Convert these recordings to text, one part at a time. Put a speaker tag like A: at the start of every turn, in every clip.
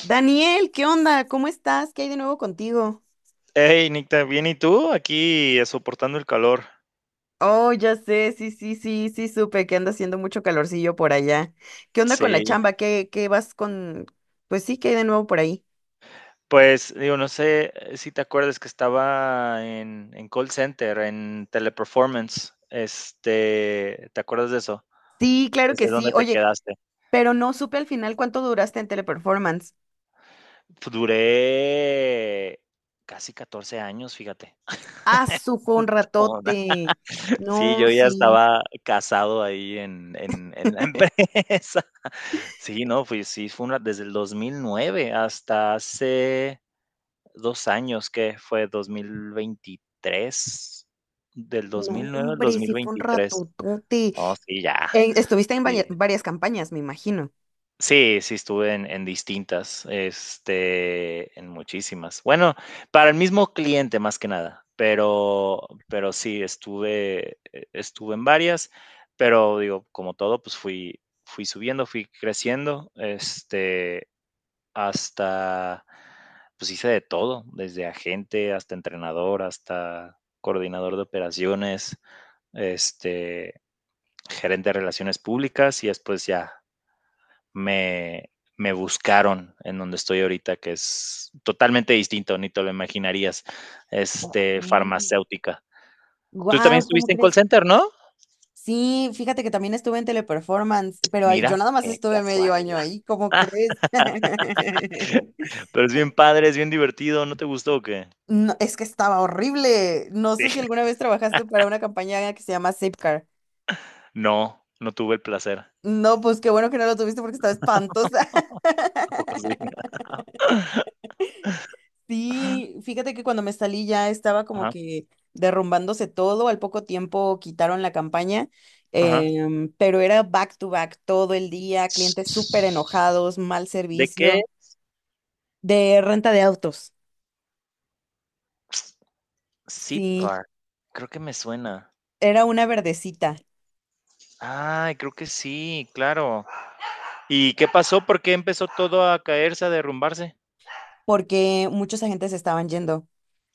A: Daniel, ¿qué onda? ¿Cómo estás? ¿Qué hay de nuevo contigo?
B: Hey, Nicta, bien, ¿y tú? Aquí soportando el calor.
A: Oh, ya sé, sí, sí, sí, sí, supe que anda haciendo mucho calorcillo por allá. ¿Qué onda con la
B: Sí,
A: chamba? ¿Qué vas con...? Pues sí, ¿qué hay de nuevo por ahí?
B: pues digo, no sé, si te acuerdas que estaba en call center, en Teleperformance. Este, ¿te acuerdas de eso?
A: Sí, claro
B: Pues,
A: que
B: de
A: sí.
B: dónde te
A: Oye,
B: quedaste.
A: pero no supe al final cuánto duraste en Teleperformance.
B: Duré casi 14 años, fíjate.
A: Ah, fue un
B: Montona.
A: ratote.
B: Sí,
A: No,
B: yo ya
A: sí.
B: estaba casado ahí en la empresa. Sí, no, fui, sí, fue una, desde el 2009 hasta hace 2 años, ¿que fue? 2023. Del dos
A: No,
B: mil nueve al
A: hombre,
B: dos mil
A: sí fue un
B: veintitrés
A: ratotote.
B: Oh, sí, ya.
A: Estuviste en
B: Sí.
A: varias campañas, me imagino.
B: Sí, sí estuve en distintas, este, en muchísimas. Bueno, para el mismo cliente, más que nada, pero sí, estuve estuve en varias, pero digo, como todo, pues fui subiendo, fui creciendo, este, hasta, pues hice de todo, desde agente hasta entrenador, hasta coordinador de operaciones, este, gerente de relaciones públicas y después ya me, me buscaron en donde estoy ahorita, que es totalmente distinto, ni te lo imaginarías,
A: Ok.
B: este, farmacéutica. Tú también
A: Guau, ¿cómo
B: estuviste en call
A: crees?
B: center, ¿no?
A: Sí, fíjate que también estuve en Teleperformance, pero yo
B: Mira,
A: nada más
B: qué
A: estuve medio año
B: casualidad.
A: ahí, ¿cómo crees?
B: Pero es bien padre, es bien divertido, ¿no te gustó o qué?
A: No, es que estaba horrible. No
B: Sí.
A: sé si alguna vez trabajaste para una campaña que se llama Zipcar.
B: No, no tuve el placer.
A: No, pues qué bueno que no lo tuviste porque estaba espantosa.
B: ¿A poco sí?
A: Sí, fíjate que cuando me salí ya estaba como
B: Ajá,
A: que derrumbándose todo, al poco tiempo quitaron la campaña,
B: ajá.
A: pero era back to back todo el día, clientes súper enojados, mal
B: ¿De qué?
A: servicio. De renta de autos.
B: Zip
A: Sí,
B: Car, creo que me suena.
A: era una verdecita.
B: Ay, creo que sí, claro. ¿Y qué pasó? ¿Por qué empezó todo a caerse, a derrumbarse?
A: Porque muchos agentes estaban yendo,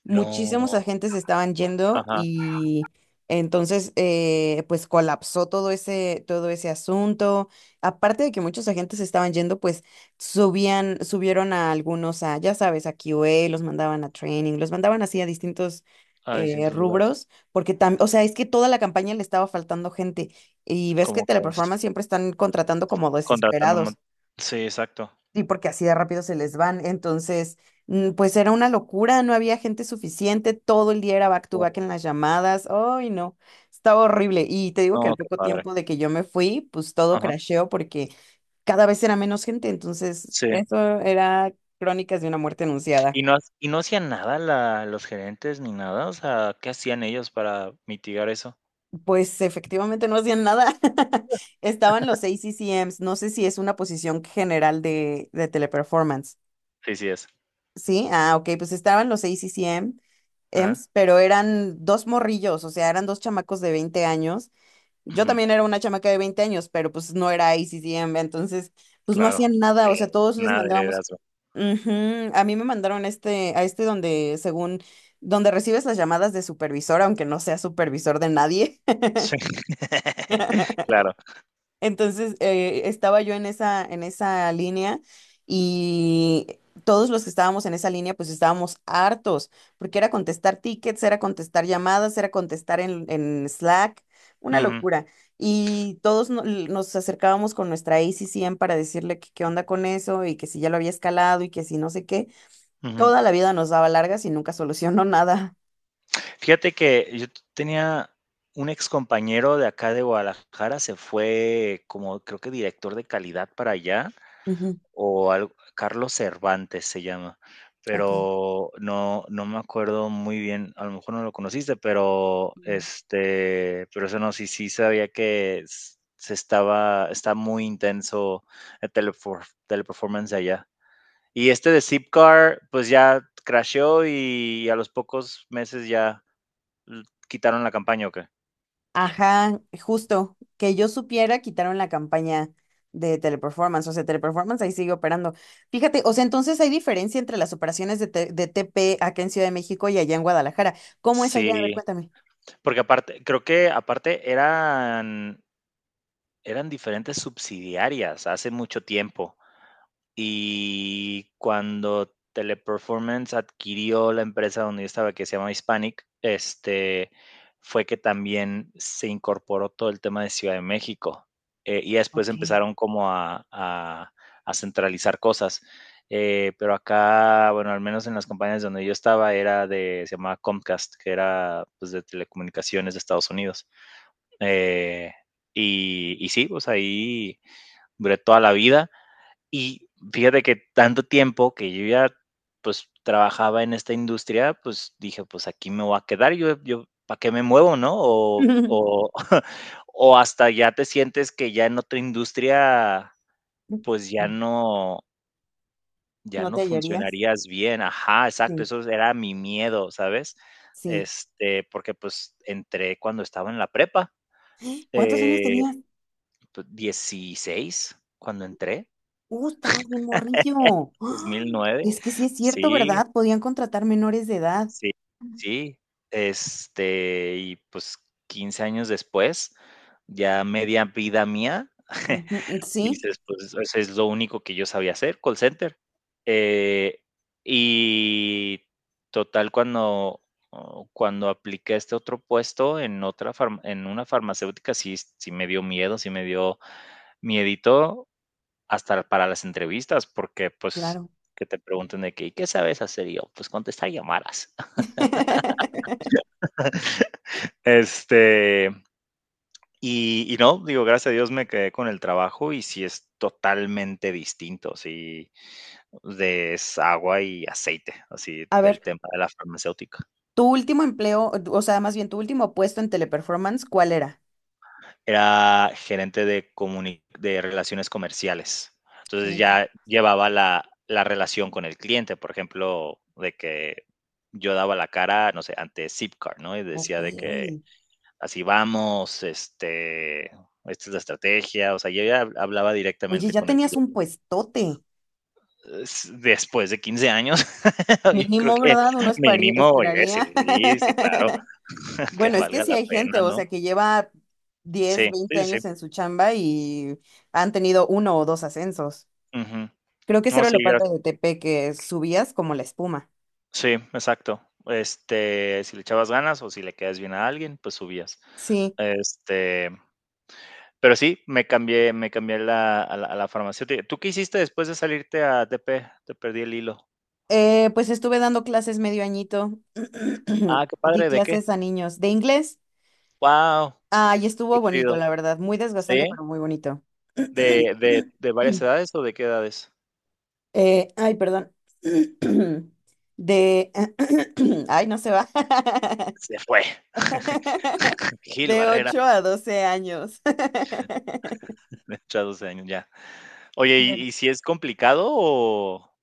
A: muchísimos
B: No.
A: agentes estaban yendo
B: Ajá,
A: y entonces pues colapsó todo ese asunto. Aparte de que muchos agentes estaban yendo, pues subieron a algunos a, ya sabes, a Q QA, los mandaban a training, los mandaban así a distintos
B: a distintos lugares.
A: rubros, porque también, o sea, es que toda la campaña le estaba faltando gente y ves que
B: ¿Cómo caes?
A: Teleperformance siempre están contratando como
B: Contratando.
A: desesperados.
B: Sí, exacto.
A: Sí, porque así de rápido se les van. Entonces, pues era una locura, no había gente suficiente, todo el día era back to
B: Guau.
A: back en las llamadas. Ay, no, estaba horrible. Y te digo que
B: No,
A: al
B: qué
A: poco
B: padre.
A: tiempo de que yo me fui, pues todo
B: Ajá.
A: crasheó porque cada vez era menos gente. Entonces,
B: Sí.
A: eso era crónicas de una muerte anunciada.
B: ¿Y no, y no hacían nada los gerentes ni nada? O sea, ¿qué hacían ellos para mitigar eso?
A: Pues efectivamente no hacían nada. Estaban los ACCMs, no sé si es una posición general de Teleperformance.
B: Sí, sí es.
A: Sí, ah, ok, pues estaban los ACCM
B: Ajá.
A: EMS, pero eran dos morrillos, o sea, eran dos chamacos de 20 años. Yo
B: Ujú.
A: también era una chamaca de 20 años, pero pues no era ICCM, entonces pues no
B: Claro.
A: hacían
B: Sí,
A: nada, o sea, todos les
B: nada de
A: mandábamos.
B: heredazgo.
A: Ujú. A mí me mandaron este, a este donde, según, donde recibes las llamadas de supervisor, aunque no sea supervisor de nadie.
B: Sí, claro.
A: Entonces, estaba yo en esa línea y todos los que estábamos en esa línea, pues estábamos hartos, porque era contestar tickets, era contestar llamadas, era contestar en Slack, una
B: Ujú,
A: locura. Y todos nos acercábamos con nuestra ACCM para decirle que qué onda con eso y que si ya lo había escalado y que si no sé qué.
B: ujú.
A: Toda la vida nos daba largas y nunca solucionó nada.
B: Fíjate que yo tenía un excompañero de acá de Guadalajara, se fue como creo que director de calidad para allá,
A: Ujú.
B: o algo, Carlos Cervantes se llama,
A: Ok.
B: pero no, no me acuerdo muy bien, a lo mejor no lo conociste, pero
A: No.
B: este, pero eso no, sí, sí sabía que está muy intenso el Teleperformance de allá. Y este de Zipcar, pues ya crasheó y a los pocos meses ya quitaron la campaña, ¿o qué?
A: Ajá, justo, que yo supiera, quitaron la campaña de Teleperformance, o sea, Teleperformance ahí sigue operando. Fíjate, o sea, entonces hay diferencia entre las operaciones de TP acá en Ciudad de México y allá en Guadalajara. ¿Cómo es allá? A ver,
B: Sí,
A: cuéntame.
B: porque aparte, creo que aparte eran diferentes subsidiarias hace mucho tiempo. Y cuando Teleperformance adquirió la empresa donde yo estaba, que se llama Hispanic, este, fue que también se incorporó todo el tema de Ciudad de México. Y después
A: Ok.
B: empezaron como a centralizar cosas. Pero acá, bueno, al menos en las compañías donde yo estaba, era de, se llamaba Comcast, que era pues, de telecomunicaciones de Estados Unidos. Eh, y sí, pues ahí duré toda la vida y fíjate que tanto tiempo que yo ya, pues, trabajaba en esta industria, pues, dije: "Pues, aquí me voy a quedar, yo, ¿para qué me muevo?", ¿no? O o o hasta ya te sientes que ya en otra industria, pues, ya no ya
A: ¿No
B: no
A: te hallarías?
B: funcionarías bien. Ajá, exacto,
A: Sí,
B: eso era mi miedo, ¿sabes?
A: sí.
B: Este, porque, pues, entré cuando estaba en la prepa,
A: ¿Cuántos años
B: eh,
A: tenías?
B: pues, 16 cuando entré,
A: Estabas bien morrillo.
B: dos
A: ¡Ah!
B: mil nueve
A: Es que sí es cierto,
B: Sí.
A: ¿verdad? Podían contratar menores de edad.
B: Sí, sí, este, y pues 15 años después, ya media vida mía.
A: Ujú, sí,
B: Dices, pues, eso es lo único que yo sabía hacer, call center. Eh, y total, cuando, oh, cuando apliqué a este otro puesto en otra en una farmacéutica, sí, sí me dio miedo, sí me dio miedito hasta para las entrevistas, porque pues
A: claro.
B: que te pregunten de qué, ¿y qué sabes hacer? Y yo, pues contestar llamadas. Este, y no, digo, gracias a Dios me quedé con el trabajo y sí es totalmente distinto, sí, de es agua y aceite, así
A: A ver.
B: el tema de la farmacéutica.
A: Tu último empleo, o sea, más bien tu último puesto en Teleperformance, ¿cuál era?
B: Era gerente de comuni de relaciones comerciales. Entonces,
A: Gerente.
B: ya llevaba la relación con el cliente, por ejemplo, de que yo daba la cara, no sé, ante Zipcar, ¿no? Y
A: Ok.
B: decía de que así vamos, este, esta es la estrategia, o sea, yo ya hablaba
A: Oye,
B: directamente
A: ya
B: con el
A: tenías
B: cliente.
A: un puestote.
B: Después de 15 años, yo creo
A: Mínimo,
B: que
A: ¿verdad? Uno
B: mínimo, oye,
A: esperaría.
B: sí, sí, claro, que
A: Bueno, es que
B: valga
A: sí
B: la
A: hay gente,
B: pena,
A: o
B: ¿no?
A: sea, que lleva 10,
B: Sí, sí,
A: 20
B: sí. Sí.
A: años en su chamba y han tenido uno o dos ascensos.
B: Ujú.
A: Creo que eso
B: No,
A: era
B: sí,
A: lo padre de TP, que subías como la espuma.
B: sí, exacto. Este, si le echabas ganas o si le quedas bien a alguien, pues subías.
A: Sí.
B: Este, pero sí, me cambié a la farmacéutica. ¿Tú qué hiciste después de salirte a TP? Te perdí el hilo.
A: Pues estuve dando clases medio añito.
B: Ah, qué
A: Di
B: padre, ¿de qué?
A: clases a niños de inglés.
B: Wow,
A: Ay,
B: qué
A: estuvo bonito,
B: chido.
A: la verdad. Muy desgastante,
B: ¿Sí?
A: pero muy bonito.
B: ¿De varias edades o de qué edades?
A: Ay, perdón. De... Ay, no se va.
B: Se fue. Gil
A: De
B: Barrera,
A: 8 a 12 años.
B: de 8 a 12 años, ya. Oye, ¿y si es complicado o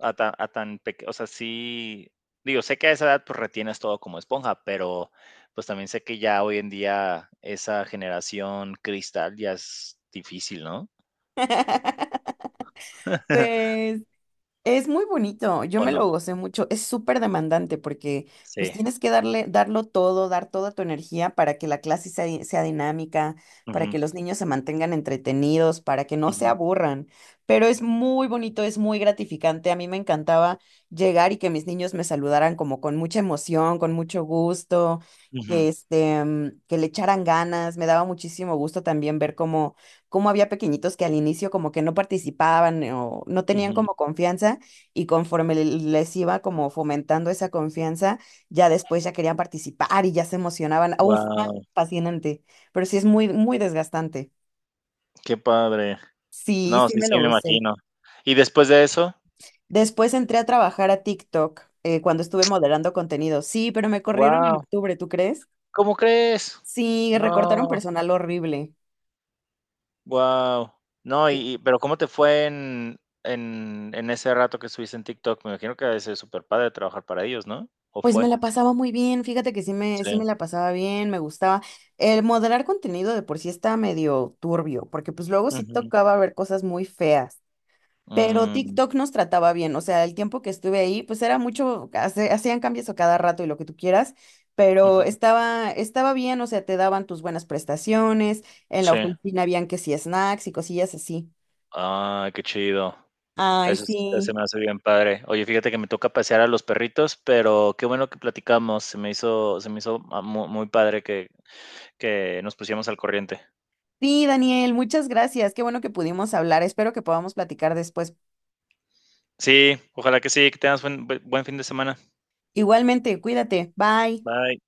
B: a tan peque, o sea, sí, digo, sé que a esa edad, pues, retienes todo como esponja, pero, pues, también sé que ya hoy en día esa generación cristal ya es difícil, ¿no?
A: Pues es muy bonito, yo
B: ¿O
A: me
B: no?
A: lo gocé mucho, es súper demandante porque pues
B: Sí.
A: tienes que darlo todo, dar toda tu energía para que la clase sea dinámica, para
B: Ujú,
A: que los niños se mantengan entretenidos, para que no se
B: ujú,
A: aburran, pero es muy bonito, es muy gratificante, a mí me encantaba llegar y que mis niños me saludaran como con mucha emoción, con mucho gusto, que
B: ujú,
A: este, mm, que le echaran ganas, me daba muchísimo gusto también ver cómo había pequeñitos que al inicio como que no participaban o no tenían
B: ujú.
A: como confianza y conforme les iba como fomentando esa confianza, ya después ya querían participar y ya se emocionaban. Uf, no,
B: Wow,
A: fascinante, pero sí es muy, muy desgastante.
B: qué padre.
A: Sí,
B: No,
A: sí
B: sí,
A: me
B: sí,
A: lo
B: me
A: gocé.
B: imagino. ¿Y después de eso?
A: Después entré a trabajar a TikTok cuando estuve moderando contenido. Sí, pero me corrieron en
B: Guau,
A: octubre, ¿tú crees?
B: ¿cómo crees?
A: Sí, recortaron
B: No,
A: personal horrible.
B: guau. No, y pero, ¿cómo te fue en en ese rato que estuviste en TikTok? Me imagino que debe ser padre trabajar para ellos, ¿no? ¿O
A: Pues me
B: fue?
A: la pasaba muy bien, fíjate que sí me,
B: Sí.
A: sí me la pasaba bien, me gustaba. El moderar contenido de por sí está medio turbio, porque pues luego sí
B: Ujú.
A: tocaba ver cosas muy feas, pero
B: Mm,
A: TikTok nos trataba bien, o sea, el tiempo que estuve ahí, pues era mucho, hacían cambios a cada rato y lo que tú quieras, pero
B: ujú.
A: estaba bien, o sea, te daban tus buenas prestaciones, en la
B: Sí.
A: oficina habían que sí snacks y cosillas así.
B: Ah, qué chido.
A: Ay,
B: Eso sí está se
A: sí.
B: me hace bien padre. Oye, fíjate que me toca pasear a los perritos, pero qué bueno que platicamos. Se me hizo mu muy padre que nos pusiéramos al corriente.
A: Sí, Daniel, muchas gracias. Qué bueno que pudimos hablar. Espero que podamos platicar después.
B: Sí, ojalá que sí, que tengas buen fin de semana.
A: Igualmente, cuídate. Bye.
B: Bye.